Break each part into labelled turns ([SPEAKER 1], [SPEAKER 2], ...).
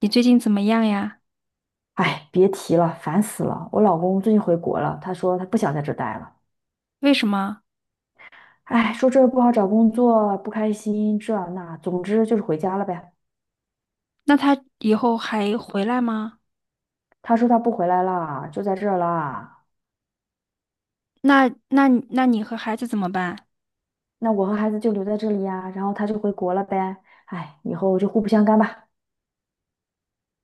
[SPEAKER 1] 你最近怎么样呀？
[SPEAKER 2] 哎，别提了，烦死了！我老公最近回国了，他说他不想在这儿待了。
[SPEAKER 1] 为什么？
[SPEAKER 2] 哎，说这儿不好找工作，不开心，这那，总之就是回家了呗。
[SPEAKER 1] 那他以后还回来吗？
[SPEAKER 2] 他说他不回来了，就在这儿了。
[SPEAKER 1] 那你和孩子怎么办？
[SPEAKER 2] 那我和孩子就留在这里呀，然后他就回国了呗。哎，以后就互不相干吧。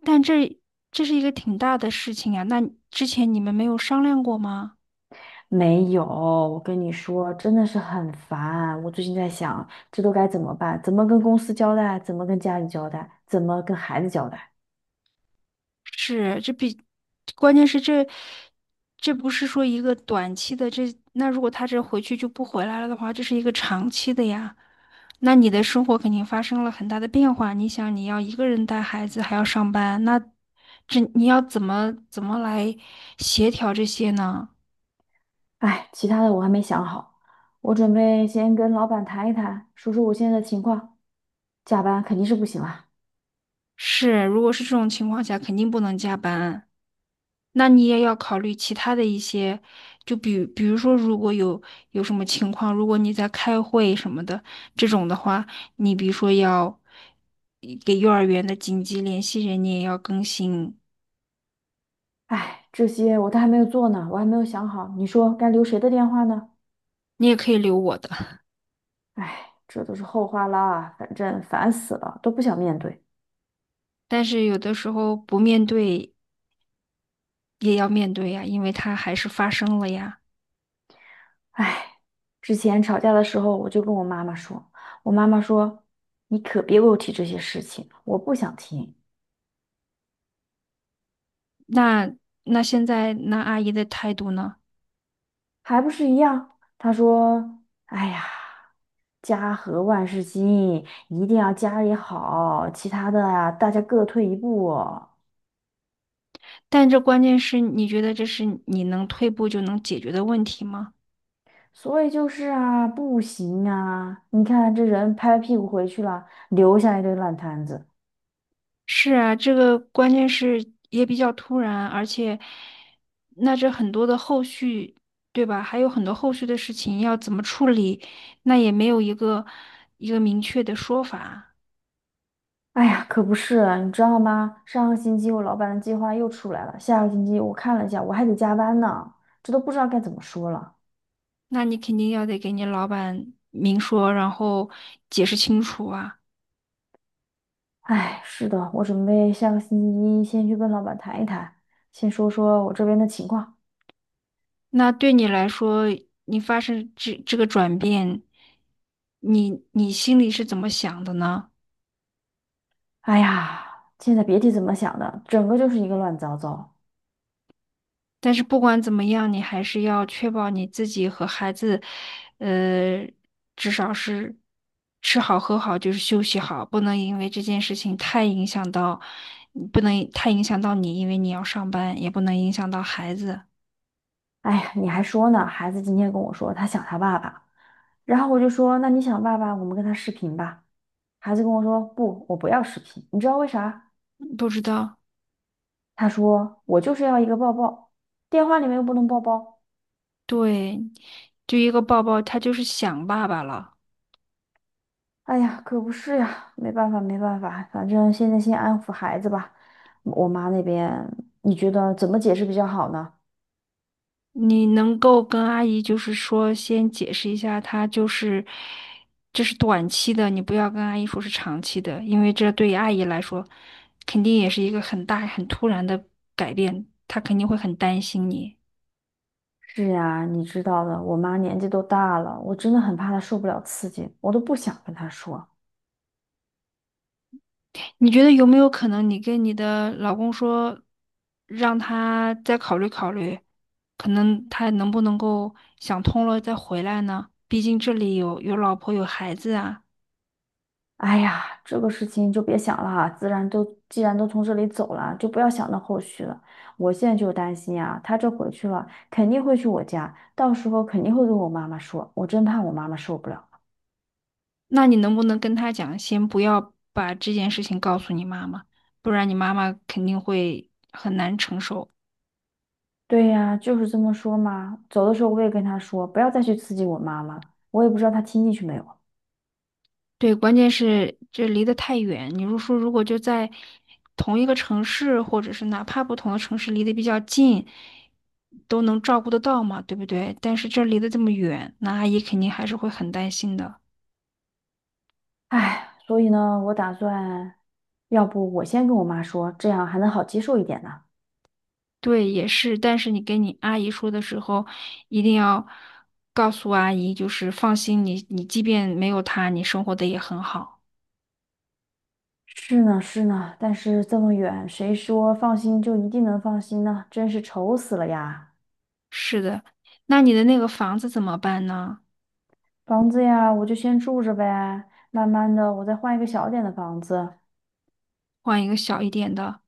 [SPEAKER 1] 但这这是一个挺大的事情呀，那之前你们没有商量过吗？
[SPEAKER 2] 没有，我跟你说，真的是很烦。我最近在想，这都该怎么办？怎么跟公司交代？怎么跟家里交代？怎么跟孩子交代？
[SPEAKER 1] 是，这比关键是这这不是说一个短期的这，那如果他这回去就不回来了的话，这是一个长期的呀。那你的生活肯定发生了很大的变化。你想，你要一个人带孩子，还要上班，那这你要怎么来协调这些呢？
[SPEAKER 2] 哎，其他的我还没想好，我准备先跟老板谈一谈，说说我现在的情况。加班肯定是不行啦。
[SPEAKER 1] 是，如果是这种情况下，肯定不能加班。那你也要考虑其他的一些，就比如说，如果有有什么情况，如果你在开会什么的这种的话，你比如说要给幼儿园的紧急联系人，你也要更新，
[SPEAKER 2] 哎，这些我都还没有做呢，我还没有想好，你说该留谁的电话呢？
[SPEAKER 1] 你也可以留我的，
[SPEAKER 2] 哎，这都是后话啦，反正烦死了，都不想面对。
[SPEAKER 1] 但是有的时候不面对也要面对呀，因为它还是发生了呀。
[SPEAKER 2] 哎，之前吵架的时候，我就跟我妈妈说，我妈妈说，你可别给我提这些事情，我不想听，
[SPEAKER 1] 那那现在那阿姨的态度呢？
[SPEAKER 2] 还不是一样。她说，哎呀。家和万事兴，一定要家里好，其他的啊，大家各退一步。
[SPEAKER 1] 但这关键是你觉得这是你能退步就能解决的问题吗？
[SPEAKER 2] 所以就是啊，不行啊！你看这人拍拍屁股回去了，留下一堆烂摊子。
[SPEAKER 1] 是啊，这个关键是也比较突然，而且，那这很多的后续，对吧？还有很多后续的事情要怎么处理，那也没有一个明确的说法。
[SPEAKER 2] 哎呀，可不是啊，你知道吗？上个星期我老板的计划又出来了，下个星期我看了一下，我还得加班呢，这都不知道该怎么说了。
[SPEAKER 1] 那你肯定要得给你老板明说，然后解释清楚啊。
[SPEAKER 2] 哎，是的，我准备下个星期一先去跟老板谈一谈，先说说我这边的情况。
[SPEAKER 1] 那对你来说，你发生这这个转变，你心里是怎么想的呢？
[SPEAKER 2] 哎呀，现在别提怎么想的，整个就是一个乱糟糟。
[SPEAKER 1] 但是不管怎么样，你还是要确保你自己和孩子，呃，至少是吃好喝好，就是休息好，不能因为这件事情太影响到，嗯不能太影响到你，因为你要上班，也不能影响到孩子。
[SPEAKER 2] 哎呀，你还说呢，孩子今天跟我说他想他爸爸，然后我就说那你想爸爸，我们跟他视频吧。孩子跟我说不，我不要视频，你知道为啥？
[SPEAKER 1] 嗯不知道，
[SPEAKER 2] 他说我就是要一个抱抱，电话里面又不能抱抱。
[SPEAKER 1] 对，就一个抱抱，他就是想爸爸了。
[SPEAKER 2] 哎呀，可不是呀，没办法，没办法，反正现在先安抚孩子吧。我妈那边，你觉得怎么解释比较好呢？
[SPEAKER 1] 你能够跟阿姨就是说先解释一下，她就是这是短期的，你不要跟阿姨说是长期的，因为这对于阿姨来说肯定也是一个很大很突然的改变，她肯定会很担心你。
[SPEAKER 2] 是呀，你知道的，我妈年纪都大了，我真的很怕她受不了刺激，我都不想跟她说。
[SPEAKER 1] 你觉得有没有可能你跟你的老公说，让他再考虑考虑，可能他能不能够想通了再回来呢？毕竟这里有有老婆有孩子啊。
[SPEAKER 2] 哎呀，这个事情就别想了哈，自然都既然都从这里走了，就不要想到后续了。我现在就担心啊，她这回去了，肯定会去我家，到时候肯定会跟我妈妈说，我真怕我妈妈受不了。
[SPEAKER 1] 那你能不能跟他讲，先不要把这件事情告诉你妈妈，不然你妈妈肯定会很难承受。
[SPEAKER 2] 对呀，就是这么说嘛。走的时候我也跟她说，不要再去刺激我妈妈了，我也不知道她听进去没有啊。
[SPEAKER 1] 对，关键是这离得太远。你如说如果就在同一个城市，或者是哪怕不同的城市离得比较近，都能照顾得到嘛，对不对？但是这离得这么远，那阿姨肯定还是会很担心的。
[SPEAKER 2] 唉，所以呢，我打算，要不我先跟我妈说，这样还能好接受一点呢。
[SPEAKER 1] 对，也是，但是你跟你阿姨说的时候，一定要告诉阿姨，就是放心你，你即便没有她，你生活的也很好。
[SPEAKER 2] 是呢，是呢，但是这么远，谁说放心就一定能放心呢？真是愁死了呀！
[SPEAKER 1] 是的，那你的那个房子怎么办呢？
[SPEAKER 2] 房子呀，我就先住着呗，慢慢的我再换一个小点的房子。
[SPEAKER 1] 换一个小一点的。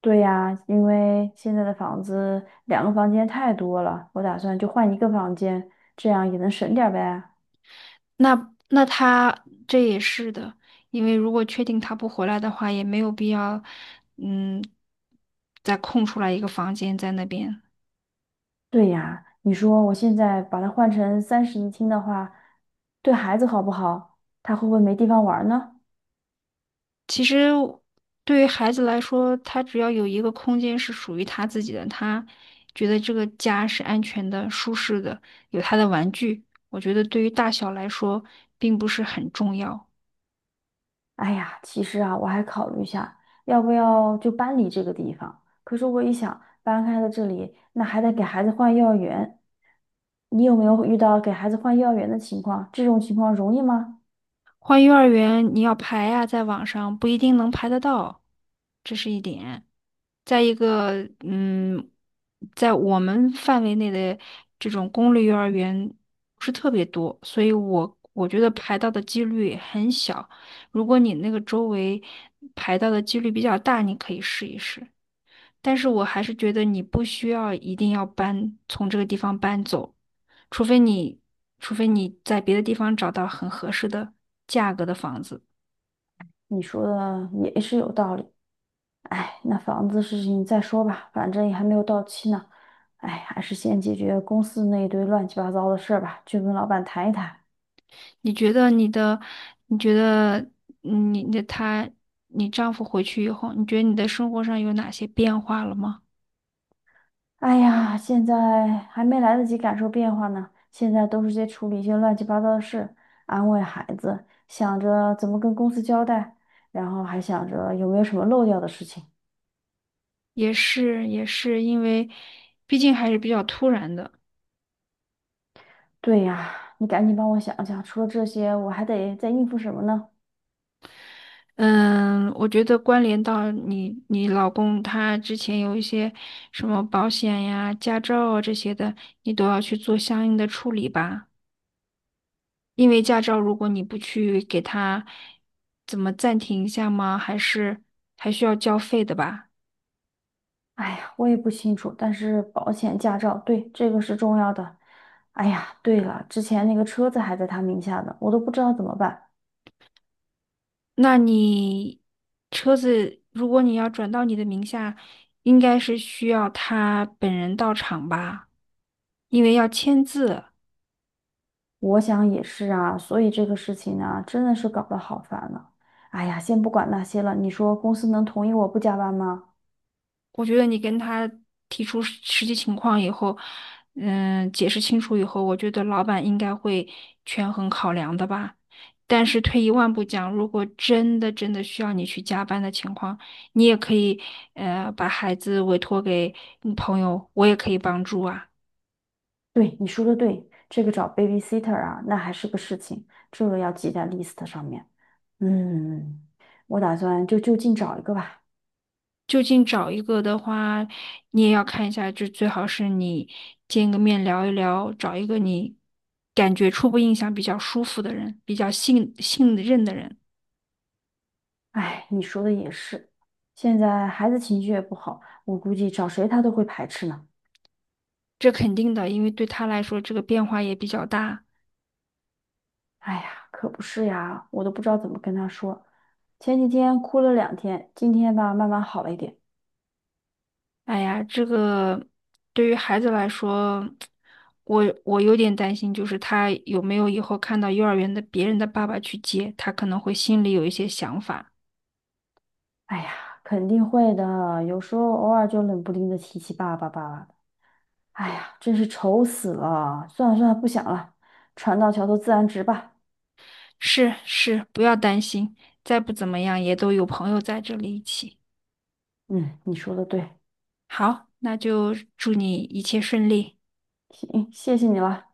[SPEAKER 2] 对呀，因为现在的房子两个房间太多了，我打算就换一个房间，这样也能省点儿呗。
[SPEAKER 1] 那那他这也是的，因为如果确定他不回来的话，也没有必要，嗯，再空出来一个房间在那边。
[SPEAKER 2] 对呀，你说我现在把它换成三室一厅的话，对孩子好不好？他会不会没地方玩儿呢？
[SPEAKER 1] 其实对于孩子来说，他只要有一个空间是属于他自己的，他觉得这个家是安全的、舒适的，有他的玩具，我觉得对于大小来说并不是很重要。
[SPEAKER 2] 哎呀，其实啊，我还考虑一下，要不要就搬离这个地方。可是我一想，搬开了这里，那还得给孩子换幼儿园。你有没有遇到给孩子换幼儿园的情况？这种情况容易吗？
[SPEAKER 1] 换幼儿园你要排呀、在网上不一定能排得到，这是一点。再一个，嗯，在我们范围内的这种公立幼儿园不是特别多，所以我觉得排到的几率很小。如果你那个周围排到的几率比较大，你可以试一试。但是我还是觉得你不需要一定要搬，从这个地方搬走，除非你，除非你在别的地方找到很合适的价格的房子。
[SPEAKER 2] 你说的也是有道理。哎，那房子事情再说吧，反正也还没有到期呢。哎，还是先解决公司那一堆乱七八糟的事儿吧，去跟老板谈一谈。
[SPEAKER 1] 你觉得你的，你觉得嗯你的他，你丈夫回去以后，你觉得你的生活上有哪些变化了吗？
[SPEAKER 2] 哎呀，现在还没来得及感受变化呢，现在都是在处理一些乱七八糟的事，安慰孩子，想着怎么跟公司交代，然后还想着有没有什么漏掉的事情。
[SPEAKER 1] 也是，也是因为，毕竟还是比较突然的。
[SPEAKER 2] 对呀，你赶紧帮我想想，除了这些，我还得再应付什么呢？
[SPEAKER 1] 嗯，我觉得关联到你你老公他之前有一些什么保险呀、驾照啊这些的，你都要去做相应的处理吧。因为驾照如果你不去给他怎么暂停一下吗？还是还需要交费的吧？
[SPEAKER 2] 哎呀，我也不清楚，但是保险、驾照，对，这个是重要的。哎呀，对了，之前那个车子还在他名下呢，我都不知道怎么办。
[SPEAKER 1] 那你车子如果你要转到你的名下，应该是需要他本人到场吧，因为要签字。
[SPEAKER 2] 我想也是啊，所以这个事情呢，真的是搞得好烦呢。哎呀，先不管那些了，你说公司能同意我不加班吗？
[SPEAKER 1] 我觉得你跟他提出实实际情况以后，嗯，解释清楚以后，我觉得老板应该会权衡考量的吧。但是退一万步讲，如果真的需要你去加班的情况，你也可以，把孩子委托给你朋友，我也可以帮助啊。
[SPEAKER 2] 对，你说的对，这个找 babysitter 啊，那还是个事情，这个要记在 list 上面。嗯。我打算就近找一个吧。
[SPEAKER 1] 就近找一个的话，你也要看一下，就最好是你见个面聊一聊，找一个你感觉初步印象比较舒服的人，比较信任的人。
[SPEAKER 2] 哎，你说的也是，现在孩子情绪也不好，我估计找谁他都会排斥呢。
[SPEAKER 1] 这肯定的，因为对他来说，这个变化也比较大。
[SPEAKER 2] 哎呀，可不是呀，我都不知道怎么跟他说。前几天哭了两天，今天吧慢慢好了一点。
[SPEAKER 1] 哎呀，这个对于孩子来说，我有点担心，就是他有没有以后看到幼儿园的别人的爸爸去接，他可能会心里有一些想法。
[SPEAKER 2] 哎呀，肯定会的，有时候偶尔就冷不丁的提起爸爸爸爸的。哎呀，真是愁死了。算了算了，不想了，船到桥头自然直吧。
[SPEAKER 1] 是是，不要担心，再不怎么样也都有朋友在这里一起。
[SPEAKER 2] 嗯，你说的对，
[SPEAKER 1] 好，那就祝你一切顺利。
[SPEAKER 2] 行，谢谢你了。